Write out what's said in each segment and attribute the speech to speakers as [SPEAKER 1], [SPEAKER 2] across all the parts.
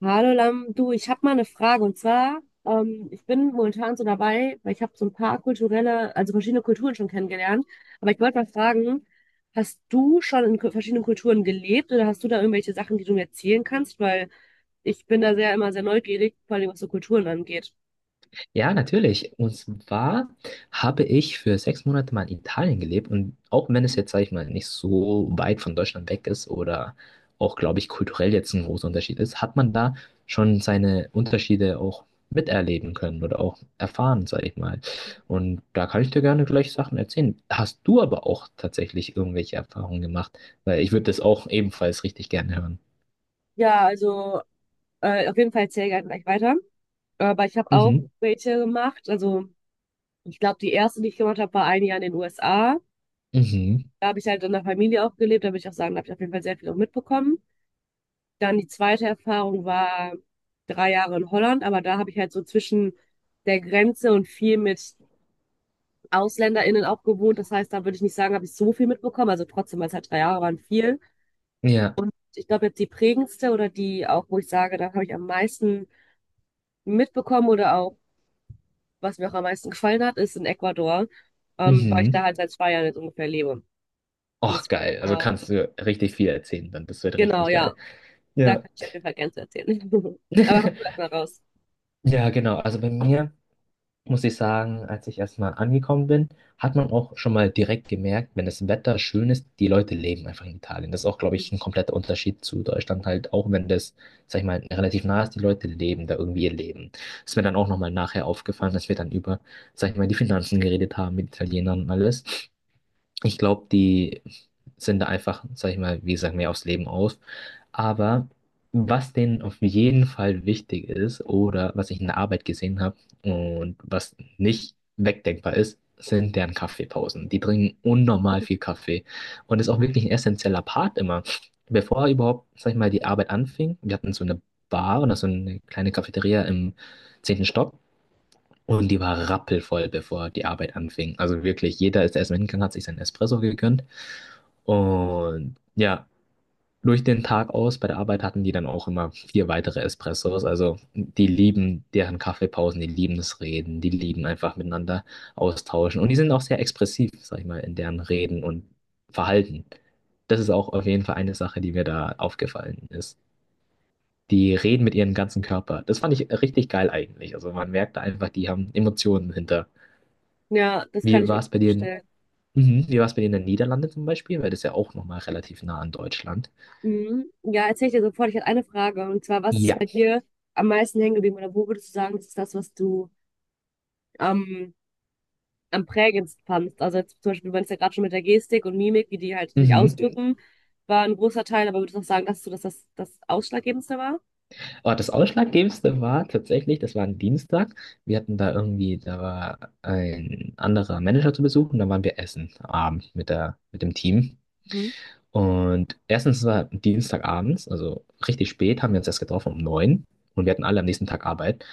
[SPEAKER 1] Hallo Lam, du, ich habe mal eine Frage. Und zwar, ich bin momentan so dabei, weil ich habe so ein paar kulturelle, also verschiedene Kulturen schon kennengelernt, aber ich wollte mal fragen, hast du schon in verschiedenen Kulturen gelebt oder hast du da irgendwelche Sachen, die du mir erzählen kannst? Weil ich bin da sehr immer sehr neugierig, vor allem was so Kulturen angeht.
[SPEAKER 2] Ja, natürlich. Und zwar habe ich für 6 Monate mal in Italien gelebt, und auch wenn es jetzt, sag ich mal, nicht so weit von Deutschland weg ist oder auch, glaube ich, kulturell jetzt ein großer Unterschied ist, hat man da schon seine Unterschiede auch miterleben können oder auch erfahren, sag ich mal. Und da kann ich dir gerne gleich Sachen erzählen. Hast du aber auch tatsächlich irgendwelche Erfahrungen gemacht? Weil ich würde das auch ebenfalls richtig gerne hören.
[SPEAKER 1] Ja, also auf jeden Fall erzähl gerne gleich weiter, aber ich habe auch
[SPEAKER 2] Mhm.
[SPEAKER 1] welche gemacht, also ich glaube, die erste, die ich gemacht habe, war ein Jahr in den USA.
[SPEAKER 2] Mhm.
[SPEAKER 1] Da habe ich halt in der Familie auch gelebt, da würde ich auch sagen, da habe ich auf jeden Fall sehr viel auch mitbekommen. Dann die zweite Erfahrung war 3 Jahre in Holland, aber da habe ich halt so zwischen der Grenze und viel mit AusländerInnen auch gewohnt. Das heißt, da würde ich nicht sagen, habe ich so viel mitbekommen. Also trotzdem, weil es halt 3 Jahre waren, viel.
[SPEAKER 2] Ja.
[SPEAKER 1] Ich glaube, jetzt die prägendste oder die auch, wo ich sage, da habe ich am meisten mitbekommen oder auch, was mir auch am meisten gefallen hat, ist in Ecuador, weil ich da
[SPEAKER 2] Mhm.
[SPEAKER 1] halt seit 2 Jahren jetzt ungefähr lebe. Und
[SPEAKER 2] Och,
[SPEAKER 1] das,
[SPEAKER 2] geil. Also
[SPEAKER 1] genau,
[SPEAKER 2] kannst du richtig viel erzählen dann. Das wird
[SPEAKER 1] genau,
[SPEAKER 2] richtig
[SPEAKER 1] ja.
[SPEAKER 2] geil.
[SPEAKER 1] Da
[SPEAKER 2] Ja.
[SPEAKER 1] kann ich auf jeden Fall gerne zu erzählen. Aber hau du erst mal raus.
[SPEAKER 2] Ja, genau. Also bei mir muss ich sagen, als ich erstmal angekommen bin, hat man auch schon mal direkt gemerkt, wenn das Wetter schön ist, die Leute leben einfach in Italien. Das ist auch, glaube ich, ein kompletter Unterschied zu Deutschland halt, auch wenn das, sag ich mal, relativ nah ist, die Leute leben da irgendwie ihr Leben. Das ist mir dann auch nochmal nachher aufgefallen, dass wir dann über, sag ich mal, die Finanzen geredet haben mit Italienern und alles. Ich glaube, die sind da einfach, sag ich mal, wie gesagt, mehr aufs Leben aus. Aber was denen auf jeden Fall wichtig ist oder was ich in der Arbeit gesehen habe und was nicht wegdenkbar ist, sind deren Kaffeepausen. Die trinken unnormal viel Kaffee und ist auch wirklich ein essentieller Part immer. Bevor überhaupt, sag ich mal, die Arbeit anfing, wir hatten so eine Bar oder so eine kleine Cafeteria im 10. Stock. Und die war rappelvoll, bevor die Arbeit anfing. Also wirklich, jeder ist erstmal hingegangen, hat sich seinen Espresso gegönnt. Und ja, durch den Tag aus bei der Arbeit hatten die dann auch immer vier weitere Espressos. Also die lieben deren Kaffeepausen, die lieben das Reden, die lieben einfach miteinander austauschen. Und die sind auch sehr expressiv, sag ich mal, in deren Reden und Verhalten. Das ist auch auf jeden Fall eine Sache, die mir da aufgefallen ist. Die reden mit ihrem ganzen Körper. Das fand ich richtig geil eigentlich. Also man merkt da einfach, die haben Emotionen hinter.
[SPEAKER 1] Ja, das kann
[SPEAKER 2] Wie
[SPEAKER 1] ich mir
[SPEAKER 2] war es bei dir in,
[SPEAKER 1] vorstellen.
[SPEAKER 2] mhm. Wie war es bei dir in den Niederlanden zum Beispiel? Weil das ist ja auch nochmal relativ nah an Deutschland.
[SPEAKER 1] Mhm. Ja, erzähl ich dir sofort. Ich hatte eine Frage. Und zwar, was ist
[SPEAKER 2] Ja.
[SPEAKER 1] bei dir am meisten hängen geblieben? Oder wo würdest du sagen, das ist das, was du am am prägendsten fandst? Also jetzt zum Beispiel, du meinst ja gerade schon mit der Gestik und Mimik, wie die halt sich
[SPEAKER 2] Mhm.
[SPEAKER 1] ausdrücken, war ein großer Teil. Aber würdest du auch sagen, dass du das Ausschlaggebendste war?
[SPEAKER 2] Aber das Ausschlaggebendste war tatsächlich, das war ein Dienstag. Wir hatten da irgendwie, da war ein anderer Manager zu Besuch und dann waren wir essen abend mit der, mit dem Team.
[SPEAKER 1] Mhm. Ist
[SPEAKER 2] Und erstens war Dienstagabends, also richtig spät, haben wir uns erst getroffen um 9, und wir hatten alle am nächsten Tag Arbeit.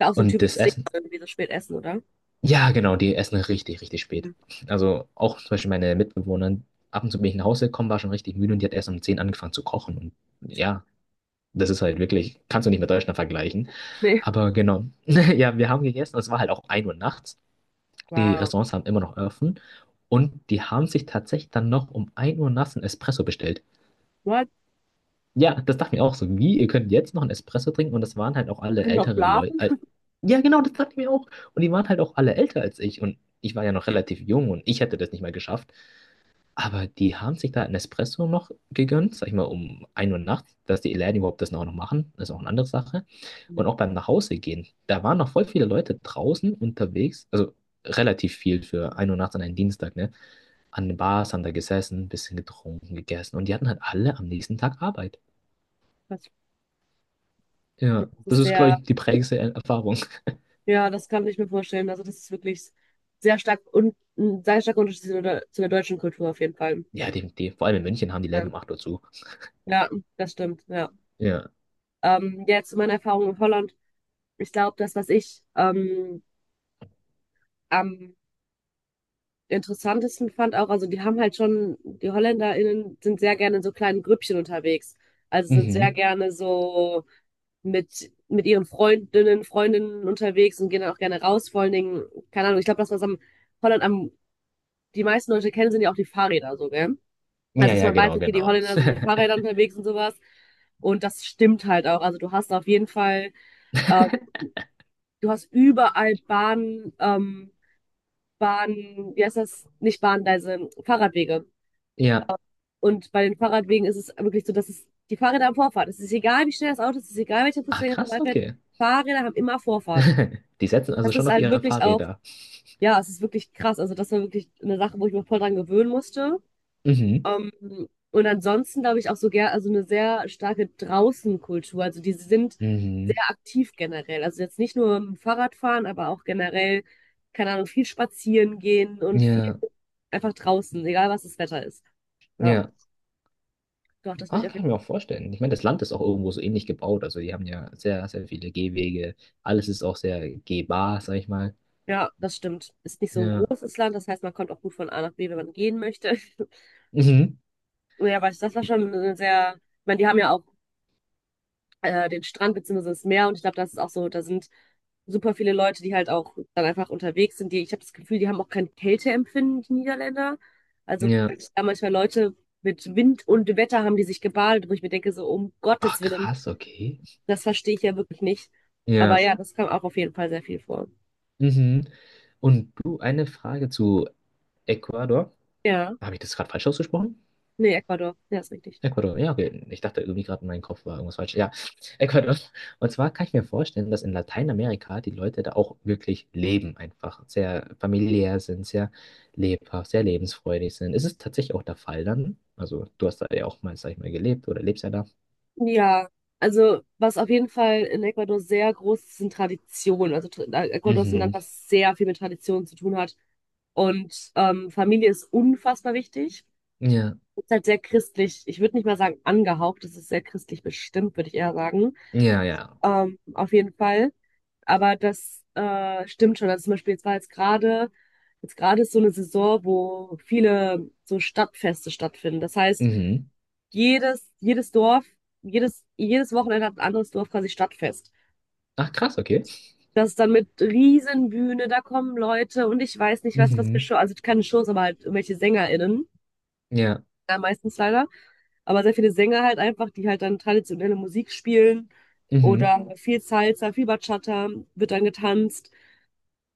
[SPEAKER 1] ja auch so ein
[SPEAKER 2] Und das
[SPEAKER 1] typisches Ding,
[SPEAKER 2] Essen.
[SPEAKER 1] so irgendwie so spät essen, oder?
[SPEAKER 2] Ja, genau, die essen richtig, richtig spät.
[SPEAKER 1] Mhm.
[SPEAKER 2] Also auch zum Beispiel meine Mitbewohner, ab und zu bin ich nach Hause gekommen, war schon richtig müde und die hat erst um 10 angefangen zu kochen. Und ja, das ist halt wirklich, kannst du nicht mit Deutschland vergleichen.
[SPEAKER 1] Nee.
[SPEAKER 2] Aber genau, ja, wir haben gegessen, es war halt auch 1 Uhr nachts. Die
[SPEAKER 1] Wow.
[SPEAKER 2] Restaurants haben immer noch offen, und die haben sich tatsächlich dann noch um 1 Uhr nachts einen Espresso bestellt.
[SPEAKER 1] What?
[SPEAKER 2] Ja, das dachte ich mir auch so. Wie, ihr könnt jetzt noch einen Espresso trinken? Und das waren halt auch alle
[SPEAKER 1] Können noch
[SPEAKER 2] ältere Leute.
[SPEAKER 1] schlafen?
[SPEAKER 2] Ja, genau, das dachte ich mir auch. Und die waren halt auch alle älter als ich. Und ich war ja noch relativ jung und ich hätte das nicht mehr geschafft. Aber die haben sich da einen Espresso noch gegönnt, sag ich mal, um 1 Uhr nachts, dass die Läden überhaupt das noch machen. Das ist auch eine andere Sache. Und
[SPEAKER 1] Mhm.
[SPEAKER 2] auch beim Nachhausegehen, da waren noch voll viele Leute draußen unterwegs. Also relativ viel für 1 Uhr nachts an einem Dienstag, ne? An den Bars haben da gesessen, ein bisschen getrunken, gegessen. Und die hatten halt alle am nächsten Tag Arbeit.
[SPEAKER 1] Das
[SPEAKER 2] Ja, das
[SPEAKER 1] ist
[SPEAKER 2] ist, glaube
[SPEAKER 1] sehr,
[SPEAKER 2] ich, die prägendste Erfahrung.
[SPEAKER 1] ja, das kann ich mir vorstellen. Also das ist wirklich sehr stark und ein sehr starker Unterschied zu der deutschen Kultur auf jeden Fall.
[SPEAKER 2] Ja, die, vor allem in München haben die Läden
[SPEAKER 1] Ähm,
[SPEAKER 2] um 8 Uhr zu.
[SPEAKER 1] ja, das stimmt, ja.
[SPEAKER 2] Ja.
[SPEAKER 1] Jetzt zu meiner Erfahrung in Holland. Ich glaube, das, was ich am interessantesten fand auch, also die haben halt schon, die HolländerInnen sind sehr gerne in so kleinen Grüppchen unterwegs. Also sind sehr
[SPEAKER 2] Mhm.
[SPEAKER 1] gerne so mit ihren Freundinnen unterwegs und gehen dann auch gerne raus. Vor allen Dingen, keine Ahnung, ich glaube, das, was am Holland am, die meisten Leute kennen, sind ja auch die Fahrräder so, gell?
[SPEAKER 2] Ja,
[SPEAKER 1] Also, dass
[SPEAKER 2] ja,
[SPEAKER 1] man weiß,
[SPEAKER 2] genau,
[SPEAKER 1] okay, die
[SPEAKER 2] genau.
[SPEAKER 1] Holländer sind mit Fahrrädern unterwegs und sowas. Und das stimmt halt auch. Also du hast auf jeden Fall. ähm, Du hast überall Bahn, Bahn, wie heißt das? Nicht Bahngleise, Fahrradwege.
[SPEAKER 2] Ja.
[SPEAKER 1] Und bei den Fahrradwegen ist es wirklich so, dass es die Fahrräder haben Vorfahrt. Es ist egal, wie schnell das Auto ist, es ist egal, welcher
[SPEAKER 2] Ah,
[SPEAKER 1] Fußgänger
[SPEAKER 2] krass,
[SPEAKER 1] vorbeifährt.
[SPEAKER 2] okay.
[SPEAKER 1] Fahrräder haben immer Vorfahrt.
[SPEAKER 2] Die setzen also
[SPEAKER 1] Das ist
[SPEAKER 2] schon auf
[SPEAKER 1] halt
[SPEAKER 2] ihre
[SPEAKER 1] wirklich auch,
[SPEAKER 2] Fahrräder.
[SPEAKER 1] ja, es ist wirklich krass. Also das war wirklich eine Sache, wo ich mich voll dran gewöhnen musste.
[SPEAKER 2] Mhm.
[SPEAKER 1] Ähm, und ansonsten glaube ich auch so gern, also eine sehr starke Draußenkultur. Also die sind
[SPEAKER 2] Mhm.
[SPEAKER 1] sehr aktiv generell. Also jetzt nicht nur im Fahrradfahren, aber auch generell, keine Ahnung, viel spazieren gehen und viel
[SPEAKER 2] Ja,
[SPEAKER 1] einfach draußen, egal was das Wetter ist. Ja,
[SPEAKER 2] ja.
[SPEAKER 1] doch, das will
[SPEAKER 2] Ah,
[SPEAKER 1] ich auf
[SPEAKER 2] kann
[SPEAKER 1] jeden
[SPEAKER 2] ich mir auch
[SPEAKER 1] Fall.
[SPEAKER 2] vorstellen. Ich meine, das Land ist auch irgendwo so ähnlich gebaut. Also, die haben ja sehr, sehr viele Gehwege. Alles ist auch sehr gehbar, sag ich mal.
[SPEAKER 1] Ja, das stimmt. Ist nicht so ein
[SPEAKER 2] Ja.
[SPEAKER 1] großes Land, das heißt, man kommt auch gut von A nach B, wenn man gehen möchte.
[SPEAKER 2] Mhm.
[SPEAKER 1] Ja, aber das war schon eine sehr, ich meine, die haben ja auch den Strand beziehungsweise das Meer. Und ich glaube, das ist auch so, da sind super viele Leute, die halt auch dann einfach unterwegs sind. Die, ich habe das Gefühl, die haben auch kein Kälteempfinden, die Niederländer. Also wenn
[SPEAKER 2] Ja.
[SPEAKER 1] ich da manchmal Leute mit Wind und Wetter haben die sich gebadet, wo ich mir denke, so um Gottes
[SPEAKER 2] Ach,
[SPEAKER 1] Willen,
[SPEAKER 2] krass, okay.
[SPEAKER 1] das verstehe ich ja wirklich nicht. Aber
[SPEAKER 2] Ja.
[SPEAKER 1] ja, das kam auch auf jeden Fall sehr viel vor.
[SPEAKER 2] Mhm. Und du, eine Frage zu Ecuador.
[SPEAKER 1] Ja,
[SPEAKER 2] Habe ich das gerade falsch ausgesprochen?
[SPEAKER 1] nee, Ecuador, ja, ist richtig.
[SPEAKER 2] Ecuador, ja, okay. Ich dachte irgendwie gerade, in meinem Kopf war irgendwas falsch. Ja, Ecuador. Und zwar kann ich mir vorstellen, dass in Lateinamerika die Leute da auch wirklich leben, einfach sehr familiär sind, sehr lebhaft, sehr lebensfreudig sind. Ist es tatsächlich auch der Fall dann? Also, du hast da ja auch mal, sag ich mal, gelebt oder lebst ja da.
[SPEAKER 1] Ja, also was auf jeden Fall in Ecuador sehr groß ist, sind Traditionen. Also Ecuador ist ein Land,
[SPEAKER 2] Mhm.
[SPEAKER 1] was sehr viel mit Traditionen zu tun hat. Und Familie ist unfassbar wichtig.
[SPEAKER 2] Ja,
[SPEAKER 1] Ist halt sehr christlich. Ich würde nicht mal sagen angehaucht, es ist sehr christlich bestimmt, würde ich eher sagen.
[SPEAKER 2] ja, ja.
[SPEAKER 1] Auf jeden Fall. Aber das stimmt schon. Also zum Beispiel, jetzt gerade ist so eine Saison, wo viele so Stadtfeste stattfinden. Das heißt,
[SPEAKER 2] Mhm.
[SPEAKER 1] jedes Dorf, jedes Wochenende hat ein anderes Dorf quasi Stadtfest.
[SPEAKER 2] Ach, krass, okay.
[SPEAKER 1] Das ist dann mit Riesenbühne, da kommen Leute und ich weiß nicht, was, was für
[SPEAKER 2] Mhm.
[SPEAKER 1] Show, also keine Shows, aber halt irgendwelche SängerInnen.
[SPEAKER 2] Ja.
[SPEAKER 1] Ja, meistens leider. Aber sehr viele Sänger halt einfach, die halt dann traditionelle Musik spielen
[SPEAKER 2] Mhm.
[SPEAKER 1] oder viel Salsa, viel Bachata wird dann getanzt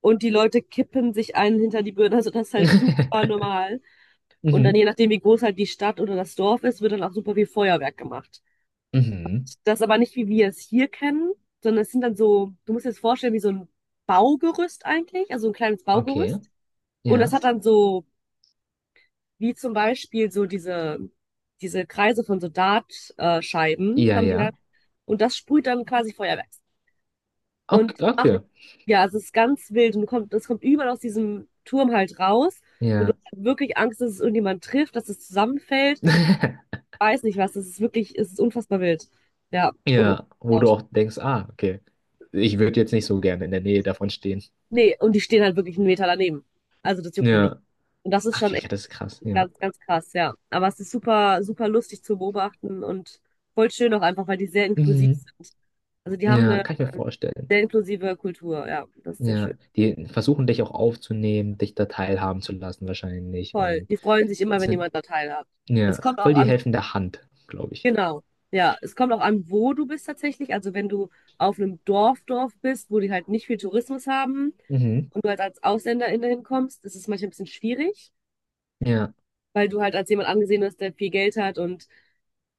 [SPEAKER 1] und die Leute kippen sich einen hinter die Birne. Also das ist halt super normal. Und dann
[SPEAKER 2] Mhm.
[SPEAKER 1] je nachdem, wie groß halt die Stadt oder das Dorf ist, wird dann auch super viel Feuerwerk gemacht.
[SPEAKER 2] Mhm.
[SPEAKER 1] Das aber nicht, wie wir es hier kennen, sondern es sind dann so, du musst dir das vorstellen, wie so ein Baugerüst eigentlich, also ein kleines
[SPEAKER 2] Okay.
[SPEAKER 1] Baugerüst. Und das
[SPEAKER 2] Ja.
[SPEAKER 1] hat dann so, wie zum Beispiel so diese Kreise von so Dartscheiben Scheiben
[SPEAKER 2] Ja,
[SPEAKER 1] haben die da.
[SPEAKER 2] ja.
[SPEAKER 1] Und das sprüht dann quasi Feuerwerk.
[SPEAKER 2] Okay,
[SPEAKER 1] Und ach,
[SPEAKER 2] okay.
[SPEAKER 1] ja, es ist ganz wild. Und du kommt, das kommt überall aus diesem Turm halt raus. Und du
[SPEAKER 2] Ja.
[SPEAKER 1] hast halt wirklich Angst, dass es irgendjemand trifft, dass es zusammenfällt. Weiß nicht was. Das ist wirklich, es ist unfassbar wild. Ja. Und unfassbar
[SPEAKER 2] Ja, wo du
[SPEAKER 1] laut.
[SPEAKER 2] auch denkst, ah, okay, ich würde jetzt nicht so gerne in der Nähe davon stehen.
[SPEAKER 1] Nee und die stehen halt wirklich 'n Meter daneben. Also, das juckt die nicht.
[SPEAKER 2] Ja,
[SPEAKER 1] Und das ist schon
[SPEAKER 2] okay, ja,
[SPEAKER 1] echt
[SPEAKER 2] das ist krass, ja.
[SPEAKER 1] ganz, ganz krass, ja. Aber es ist super super lustig zu beobachten und voll schön auch einfach, weil die sehr inklusiv
[SPEAKER 2] Mhm.
[SPEAKER 1] sind. Also, die haben
[SPEAKER 2] Ja,
[SPEAKER 1] eine
[SPEAKER 2] kann ich mir vorstellen.
[SPEAKER 1] sehr inklusive Kultur, ja, das ist sehr
[SPEAKER 2] Ja,
[SPEAKER 1] schön.
[SPEAKER 2] die versuchen dich auch aufzunehmen, dich da teilhaben zu lassen wahrscheinlich,
[SPEAKER 1] Voll.
[SPEAKER 2] und
[SPEAKER 1] Die freuen sich immer, wenn
[SPEAKER 2] sind,
[SPEAKER 1] jemand da teilhat. Es
[SPEAKER 2] ja,
[SPEAKER 1] kommt auch
[SPEAKER 2] voll die
[SPEAKER 1] an,
[SPEAKER 2] helfende Hand, glaube ich.
[SPEAKER 1] genau. Ja, es kommt auch an, wo du bist tatsächlich. Also, wenn du auf einem Dorf bist, wo die halt nicht viel Tourismus haben
[SPEAKER 2] Mhm.
[SPEAKER 1] und du halt als Ausländerin da hinkommst, ist es manchmal ein bisschen schwierig.
[SPEAKER 2] Ja,
[SPEAKER 1] Weil du halt als jemand angesehen wirst, der viel Geld hat und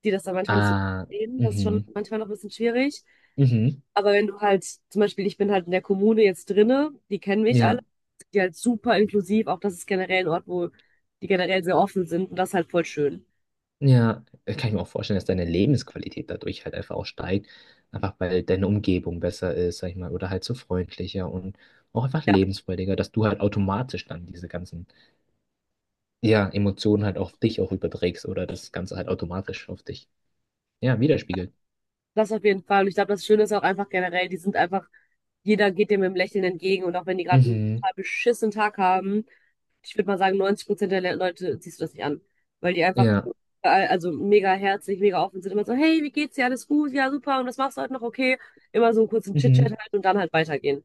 [SPEAKER 1] die das dann manchmal nicht so
[SPEAKER 2] ah,
[SPEAKER 1] sehen. Das ist schon
[SPEAKER 2] mhm,
[SPEAKER 1] manchmal noch ein bisschen schwierig.
[SPEAKER 2] mhm,
[SPEAKER 1] Aber wenn du halt, zum Beispiel, ich bin halt in der Kommune jetzt drinne, die kennen mich alle,
[SPEAKER 2] ja.
[SPEAKER 1] die halt super inklusiv, auch das ist generell ein Ort, wo die generell sehr offen sind und das ist halt voll schön.
[SPEAKER 2] Ja, das kann ich mir auch vorstellen, dass deine Lebensqualität dadurch halt einfach auch steigt, einfach weil deine Umgebung besser ist, sag ich mal, oder halt so freundlicher und auch einfach lebensfreudiger, dass du halt automatisch dann diese ganzen, ja, Emotionen halt auf dich auch überträgst oder das Ganze halt automatisch auf dich, ja, widerspiegelt.
[SPEAKER 1] Das auf jeden Fall. Und ich glaube, das Schöne ist auch einfach generell, die sind einfach, jeder geht dem mit dem Lächeln entgegen. Und auch wenn die gerade einen
[SPEAKER 2] Mhm,
[SPEAKER 1] total beschissenen Tag haben, ich würde mal sagen, 90% der Leute siehst du das nicht an. Weil die einfach,
[SPEAKER 2] ja,
[SPEAKER 1] also mega herzlich, mega offen sind. Immer so, hey, wie geht's dir? Alles gut? Ja, super. Und was machst du heute noch? Okay. Immer so einen kurzen Chit-Chat
[SPEAKER 2] mhm,
[SPEAKER 1] halt und dann halt weitergehen.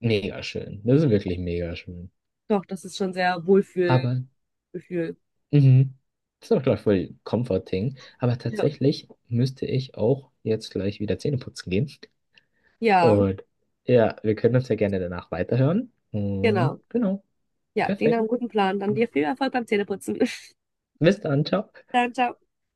[SPEAKER 2] mega schön. Das ist wirklich mega schön.
[SPEAKER 1] Doch, das ist schon sehr Wohlfühlgefühl.
[SPEAKER 2] Aber, mhm, das ist auch, glaube ich, voll comforting, aber
[SPEAKER 1] Ja.
[SPEAKER 2] tatsächlich müsste ich auch jetzt gleich wieder Zähne putzen gehen.
[SPEAKER 1] Ja,
[SPEAKER 2] Und ja, wir können uns ja gerne danach weiterhören. Und
[SPEAKER 1] genau.
[SPEAKER 2] genau,
[SPEAKER 1] Ja, klingt nach
[SPEAKER 2] perfekt.
[SPEAKER 1] einem guten Plan. Dann dir viel Erfolg beim Zähneputzen.
[SPEAKER 2] Bis dann, ciao.
[SPEAKER 1] Dann, ciao.